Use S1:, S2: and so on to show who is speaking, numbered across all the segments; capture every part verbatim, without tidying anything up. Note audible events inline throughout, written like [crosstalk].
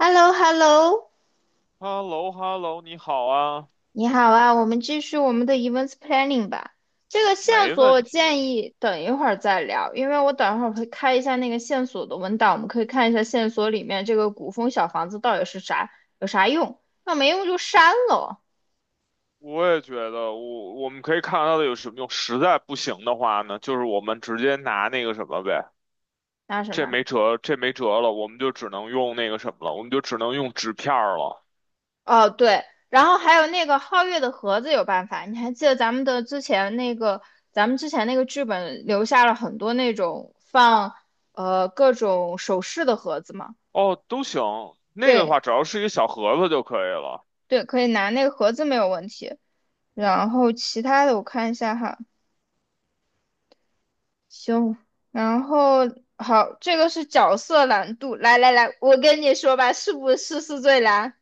S1: h e l l o h e l l o
S2: h e l l o h e l l o 你好啊。
S1: 你好啊，我们继续我们的 events planning 吧。这个线
S2: 没
S1: 索我
S2: 问题。
S1: 建议等一会儿再聊，因为我等一会儿会开一下那个线索的文档，我们可以看一下线索里面这个古风小房子到底是啥，有啥用？那没用就删了哦。
S2: 我也觉得我我们可以看到的有什么用？实在不行的话呢，就是我们直接拿那个什么呗。
S1: 那什
S2: 这
S1: 么？
S2: 没辙，这没辙了，我们就只能用那个什么了，我们就只能用纸片儿了。
S1: 哦，对，然后还有那个皓月的盒子有办法，你还记得咱们的之前那个，咱们之前那个剧本留下了很多那种放呃各种首饰的盒子吗？
S2: 哦，都行，那个的
S1: 对，
S2: 话只要是一个小盒子就可以了。
S1: 对，可以拿那个盒子没有问题。然后其他的我看一下哈，行。然后好，这个是角色难度。来来来，我跟你说吧，是不是是最难？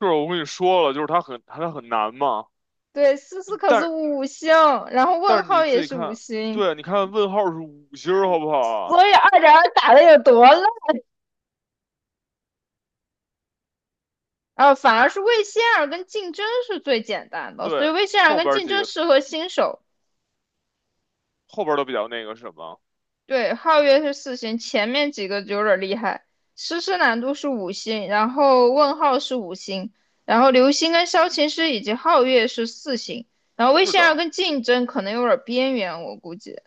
S2: 就是我跟你说了，就是它很它很难嘛。
S1: 对，四四
S2: 但
S1: 可是
S2: 是
S1: 五星，然后
S2: 但
S1: 问
S2: 是你
S1: 号
S2: 自
S1: 也
S2: 己
S1: 是五
S2: 看。
S1: 星，
S2: 对，你看问号是五星儿好不好啊？
S1: 所以二点二打的有多烂？啊，反而是魏仙儿跟竞争是最简单的，所以
S2: 对，
S1: 魏仙儿
S2: 后
S1: 跟
S2: 边儿
S1: 竞
S2: 几
S1: 争
S2: 个
S1: 适合新手。
S2: 后边儿都比较那个什么。
S1: 对，皓月是四星，前面几个就有点厉害。诗诗难度是五星，然后问号是五星，然后流星跟萧琴师以及皓月是四星，然后魏
S2: 是
S1: 仙儿
S2: 的。
S1: 跟竞争可能有点边缘，我估计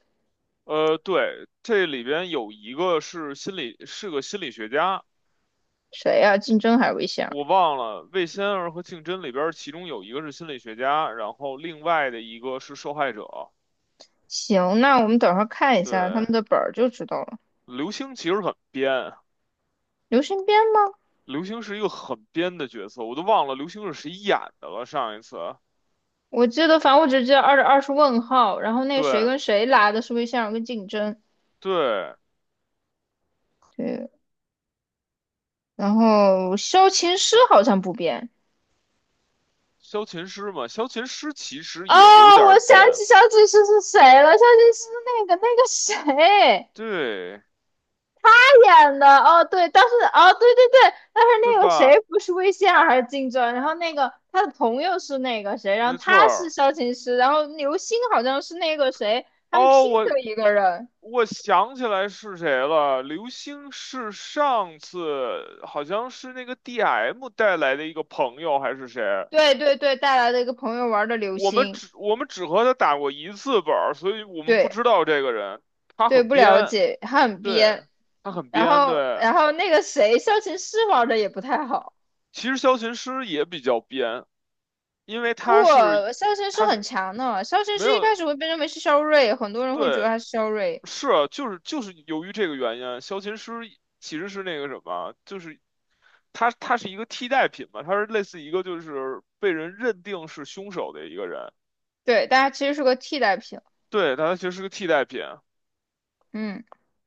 S2: 呃，对，这里边有一个是心理，是个心理学家。
S1: 谁呀、竞争还是魏仙儿？
S2: 我忘了《魏仙儿和竞真》里边儿其中有一个是心理学家，然后另外的一个是受害者。
S1: 行，那我们等会儿看一下他
S2: 对，
S1: 们的本儿就知道了。
S2: 刘星其实很编。
S1: 流星编吗？
S2: 刘星是一个很编的角色，我都忘了刘星是谁演的了。上一次，
S1: 我记得，反正我只记得二二是问号，然后那谁
S2: 对
S1: 跟谁拉的是魏仙儿跟竞争，
S2: 对，
S1: 对，然后萧琴师好像不变。
S2: 萧琴师嘛，萧琴师其实
S1: 哦，
S2: 也有点儿
S1: 我想
S2: 编。
S1: 起小警示是谁了，小警示是那个那个谁
S2: 对，
S1: 他演的。哦，对，但是哦，对对对，但是
S2: 对
S1: 那个谁
S2: 吧？
S1: 不是魏仙儿还是金正，然后那个他的朋友是那个谁，然
S2: 没
S1: 后
S2: 错
S1: 他是
S2: 儿。
S1: 萧琴师，然后刘星好像是那个谁，他们
S2: 哦，
S1: 拼
S2: 我
S1: 的一个人。
S2: 我想起来是谁了，刘星是上次好像是那个 D M 带来的一个朋友还是谁？
S1: 对对对，带来的一个朋友玩的刘
S2: 我们
S1: 星，
S2: 只我们只和他打过一次本儿，所以我们不
S1: 对
S2: 知道这个人。他
S1: 对，
S2: 很
S1: 不了
S2: 编。
S1: 解，他很
S2: 对，
S1: 编。
S2: 他很
S1: 然
S2: 编，
S1: 后
S2: 对。
S1: 然后那个谁，萧琴师玩的也不太好。
S2: 其实萧琴师也比较编，因为
S1: 不，
S2: 他是
S1: 肖申是
S2: 他
S1: 很
S2: 是
S1: 强的。肖申
S2: 没
S1: 是一
S2: 有。
S1: 开始会被认为是肖瑞，很多人会觉得
S2: 对，
S1: 他是肖瑞，
S2: 是啊，就是就是由于这个原因啊，萧琴师其实是那个什么，就是他他是一个替代品嘛，他是类似一个就是被人认定是凶手的一个人。
S1: 对，但他其实是个替代品。
S2: 对，但他其实是个替代品。
S1: 嗯，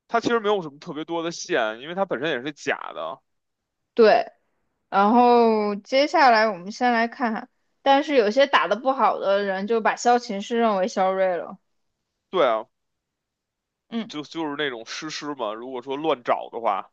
S2: 他其实没有什么特别多的线，因为他本身也是假的。
S1: 对。然后接下来我们先来看看，但是有些打得不好的人就把萧琴是认为肖瑞了。
S2: 对啊，
S1: 嗯，
S2: 就就是那种诗诗嘛，如果说乱找的话。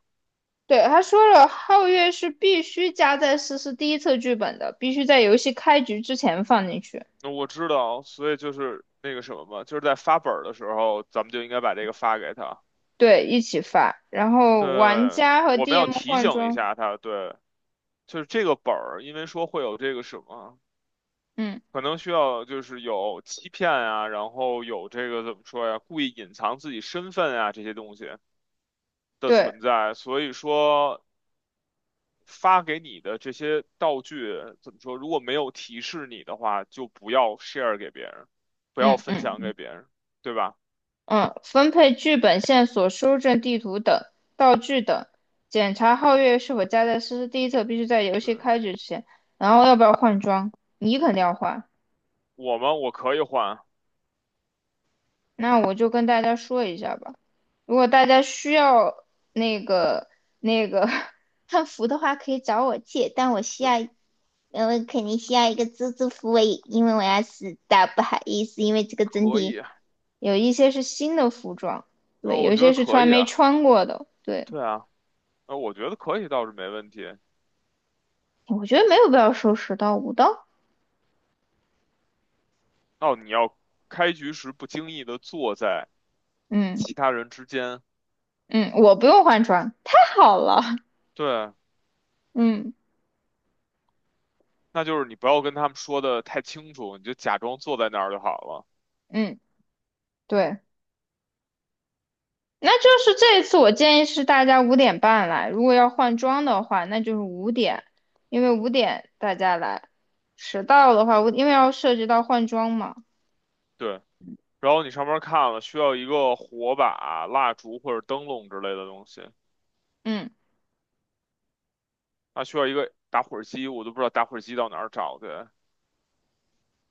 S1: 对，他说了，皓月是必须加在思思第一册剧本的，必须在游戏开局之前放进去，
S2: 那我知道，所以就是那个什么嘛，就是在发本儿的时候，咱们就应该把这个发给他。
S1: 对，一起发。然后玩
S2: 对，
S1: 家和
S2: 我们要
S1: D M
S2: 提
S1: 换
S2: 醒一
S1: 装。
S2: 下他。对，就是这个本儿，因为说会有这个什么，
S1: 嗯，
S2: 可能需要就是有欺骗啊，然后有这个怎么说呀，故意隐藏自己身份啊这些东西的
S1: 对，
S2: 存在，所以说发给你的这些道具怎么说，如果没有提示你的话，就不要 share 给别人，不要
S1: 嗯
S2: 分享
S1: 嗯。
S2: 给别人。对吧？
S1: 嗯，分配剧本线索、搜证地图等道具等，检查皓月是否加在诗诗第一册，必须在游
S2: 对，
S1: 戏开始前。然后要不要换装？你肯定要换。
S2: 我们我可以换。
S1: 那我就跟大家说一下吧。如果大家需要那个那个 [laughs] 汉服的话可以找我借，但我需要，
S2: 对，
S1: 呃，你需要一个蜘蛛服，我也因为我要死
S2: 可以
S1: 敌。
S2: 啊。
S1: 有一些是新的服装，
S2: 呃，
S1: 对，
S2: 我
S1: 有一
S2: 觉得
S1: 些是从
S2: 可
S1: 来
S2: 以
S1: 没
S2: 啊。
S1: 穿过的，对。
S2: 对啊。呃，我觉得可以倒是没问题。
S1: 我觉得没有必要收拾到五刀。
S2: 哦，你要开局时不经意的坐在
S1: 嗯
S2: 其他人之间。
S1: 嗯，我不用换装，太好了。
S2: 对，
S1: 嗯
S2: 那就是你不要跟他们说的太清楚，你就假装坐在那儿就好了。
S1: 嗯，对，那就是这一次我建议是大家五点半来，如果要换装的话，那就是五点，因为五点大家来，迟到的话，我因为要涉及到换装嘛。
S2: 对，然后你上面看了，需要一个火把、蜡烛或者灯笼之类的东西，
S1: 嗯，
S2: 还需要一个打火机，我都不知道打火机到哪儿找去。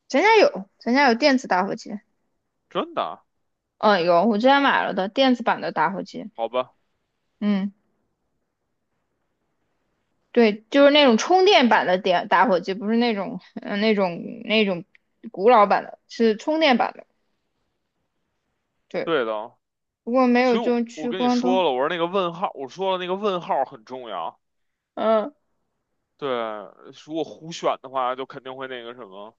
S1: 咱家有，咱家有电子打火机。
S2: 真的？
S1: 嗯，有，我之前买了的电子版的打火机。
S2: 好吧。
S1: 嗯，对，就是那种充电版的电打火机，不是那种嗯、呃那种那种古老版的，是充电版的。对。
S2: 对的。
S1: 不过没有
S2: 所以我，
S1: 中
S2: 我
S1: 去
S2: 跟你
S1: 关
S2: 说
S1: 东。
S2: 了，我说那个问号，我说了那个问号很重要。
S1: 嗯，
S2: 对，如果胡选的话，就肯定会那个什么。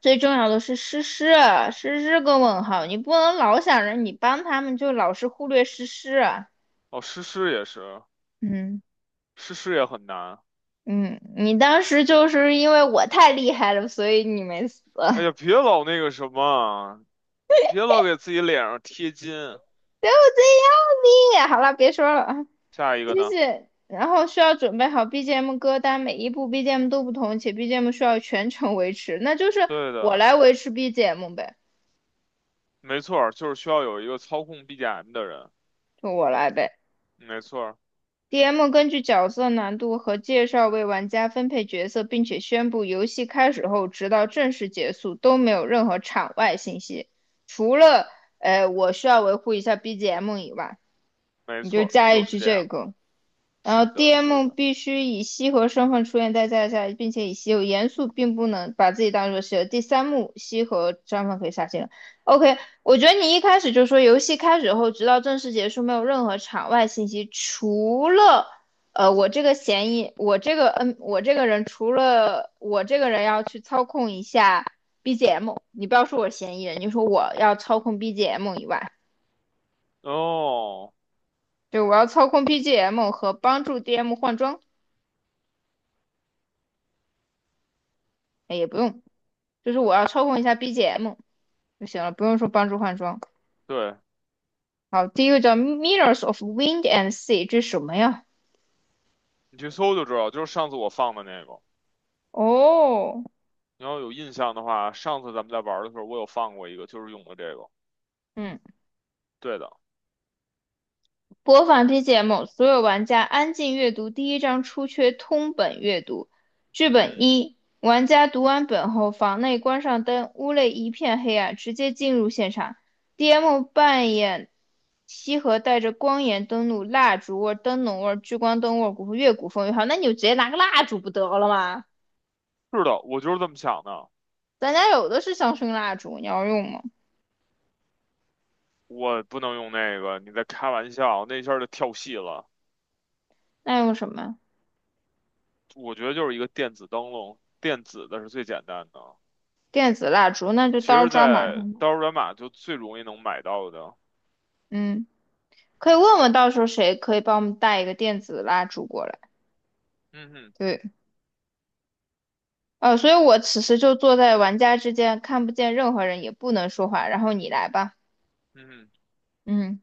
S1: 最重要的是诗诗啊诗诗个问号，你不能老想着你帮他们，就老是忽略诗诗啊
S2: 哦，诗诗也是。
S1: 嗯，
S2: 是事业很难。
S1: 嗯，你当时就
S2: 对，
S1: 是因为我太厉害了，所以你没死，[laughs]
S2: 哎
S1: 就
S2: 呀，别老那个什么啊，别老给自己脸上贴金。
S1: 这样的。好了，别说了，啊，
S2: 下一
S1: 继
S2: 个呢？
S1: 续。然后需要准备好 B G M 歌单，每一部 BGM 都不同，且 BGM 需要全程维持，那就是
S2: 对
S1: 我
S2: 的。
S1: 来维持 BGM 呗，
S2: 没错儿，就是需要有一个操控 B G M 的人。
S1: 就我来呗。
S2: 没错儿。
S1: D M 根据角色难度和介绍为玩家分配角色，并且宣布游戏开始后，直到正式结束都没有任何场外信息，除了呃我需要维护一下 B G M 以外，
S2: 没
S1: 你就
S2: 错儿，
S1: 加
S2: 就
S1: 一
S2: 是
S1: 句
S2: 这
S1: 这
S2: 样。
S1: 个。然
S2: 是
S1: 后
S2: 的，是
S1: D M
S2: 的。
S1: 必须以西河身份出现在在在，并且以西有严肃，并不能把自己当做西河。第三幕，西河身份可以下线了 OK，我觉得你一开始就说游戏开始后，直到正式结束，没有任何场外信息，除了呃我这个嫌疑，我这个嗯我这个人除了我这个人要去操控一下 B G M，你不要说我是嫌疑人，你就说我要操控 BGM 以外，
S2: 哦，
S1: 就我要操控 BGM 和帮助 DM 换装，哎也不用。就是我要操控一下 B G M 就行了，不用说帮助换装。
S2: 对，
S1: 好，第一个叫 Mirrors of Wind and Sea，这是什么呀？
S2: 你去搜就知道，就是上次我放的那个。
S1: 哦，
S2: 你要有印象的话，上次咱们在玩儿的时候，我有放过一个，就是用的这个。
S1: 嗯，
S2: 对的。
S1: 播放 B G M，所有玩家安静阅读第一章出缺通本阅读。剧
S2: 嗯
S1: 本
S2: 哼。
S1: 一，玩家读完本后，房内关上灯，屋内一片黑暗，直接进入现场。D M 扮演西河带着光源登录，蜡烛味灯笼味聚光灯味古风越古风越好。那你就直接拿个蜡烛不得了吗？
S2: 是的，我就是这么想的。
S1: 咱家有的是香薰蜡烛，你要用吗？
S2: 我不能用那个，你在开玩笑，那一下儿就跳戏了。
S1: 那用什么呀
S2: 我觉得就是一个电子灯笼，电子的是最简单的。
S1: 电子蜡烛，那就
S2: 其
S1: 到时候
S2: 实，
S1: 专门
S2: 在
S1: 上吧
S2: 刀儿马码就最容易能买到的。
S1: 嗯，可以问问到时候谁可以帮我们带一个电子蜡烛过来。
S2: 嗯哼。
S1: 对，呃，所以我此时就坐在玩家之间，看不见任何人，也不能说话。然后你来吧。
S2: 嗯哼。
S1: 嗯，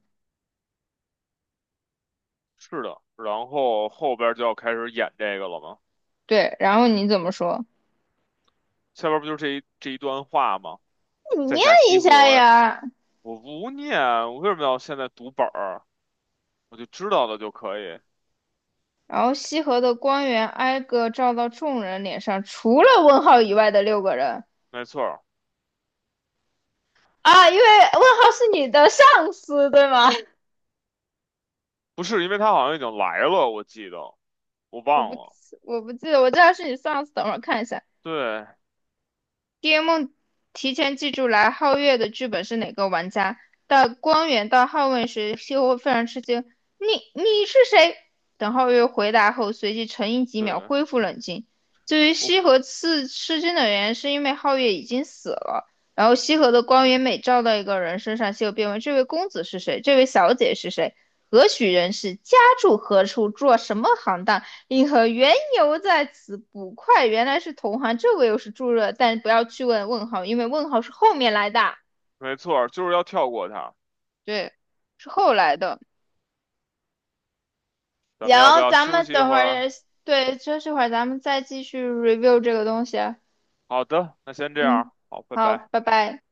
S2: 是的。然后后边儿就要开始演这个了嘛。
S1: 对，然后你怎么说？
S2: 下边儿不就是这一这一段话吗？
S1: 你
S2: 在
S1: 念
S2: 下
S1: 一
S2: 西
S1: 下
S2: 河，
S1: 呀。
S2: 我不念，我为什么要现在读本儿？我就知道的就可以。
S1: 然后西河的光源挨个照到众人脸上，除了问号以外的六个人
S2: 没错儿。
S1: 啊，因为问号是你的上司，对吗？
S2: 不是因为他好像已经来了，我记得，我
S1: 我
S2: 忘
S1: 不记
S2: 了。
S1: 我不记得，我知道是你上次，等会儿看一下。
S2: 对
S1: d m 梦提前记住来皓月的剧本是哪个玩家，到光源到皓月时，西侯非常吃惊：“你你是谁？”等皓月回答后，随即沉吟几秒，
S2: 对，
S1: 恢复冷静。至于
S2: 我
S1: 西河刺吃惊的原因，是因为皓月已经死了，然后西河的光源每照到一个人身上，西河便问：“这位公子是谁？这位小姐是谁？何许人士？家住何处？做什么行当？”银河缘由在此，捕快原来是同行，这个又是助热，但不要去问问号，因为问号是后面来的，
S2: 没错儿，就是要跳过他。
S1: 对，是后来的。
S2: 咱们要不
S1: 行，
S2: 要
S1: 咱
S2: 休
S1: 们
S2: 息一
S1: 等
S2: 会
S1: 会
S2: 儿？
S1: 儿，对，休这会儿咱们再继续 review 这个东西啊。
S2: 好的，那先这样，
S1: 嗯，
S2: 好，拜
S1: 好，
S2: 拜。
S1: 拜拜。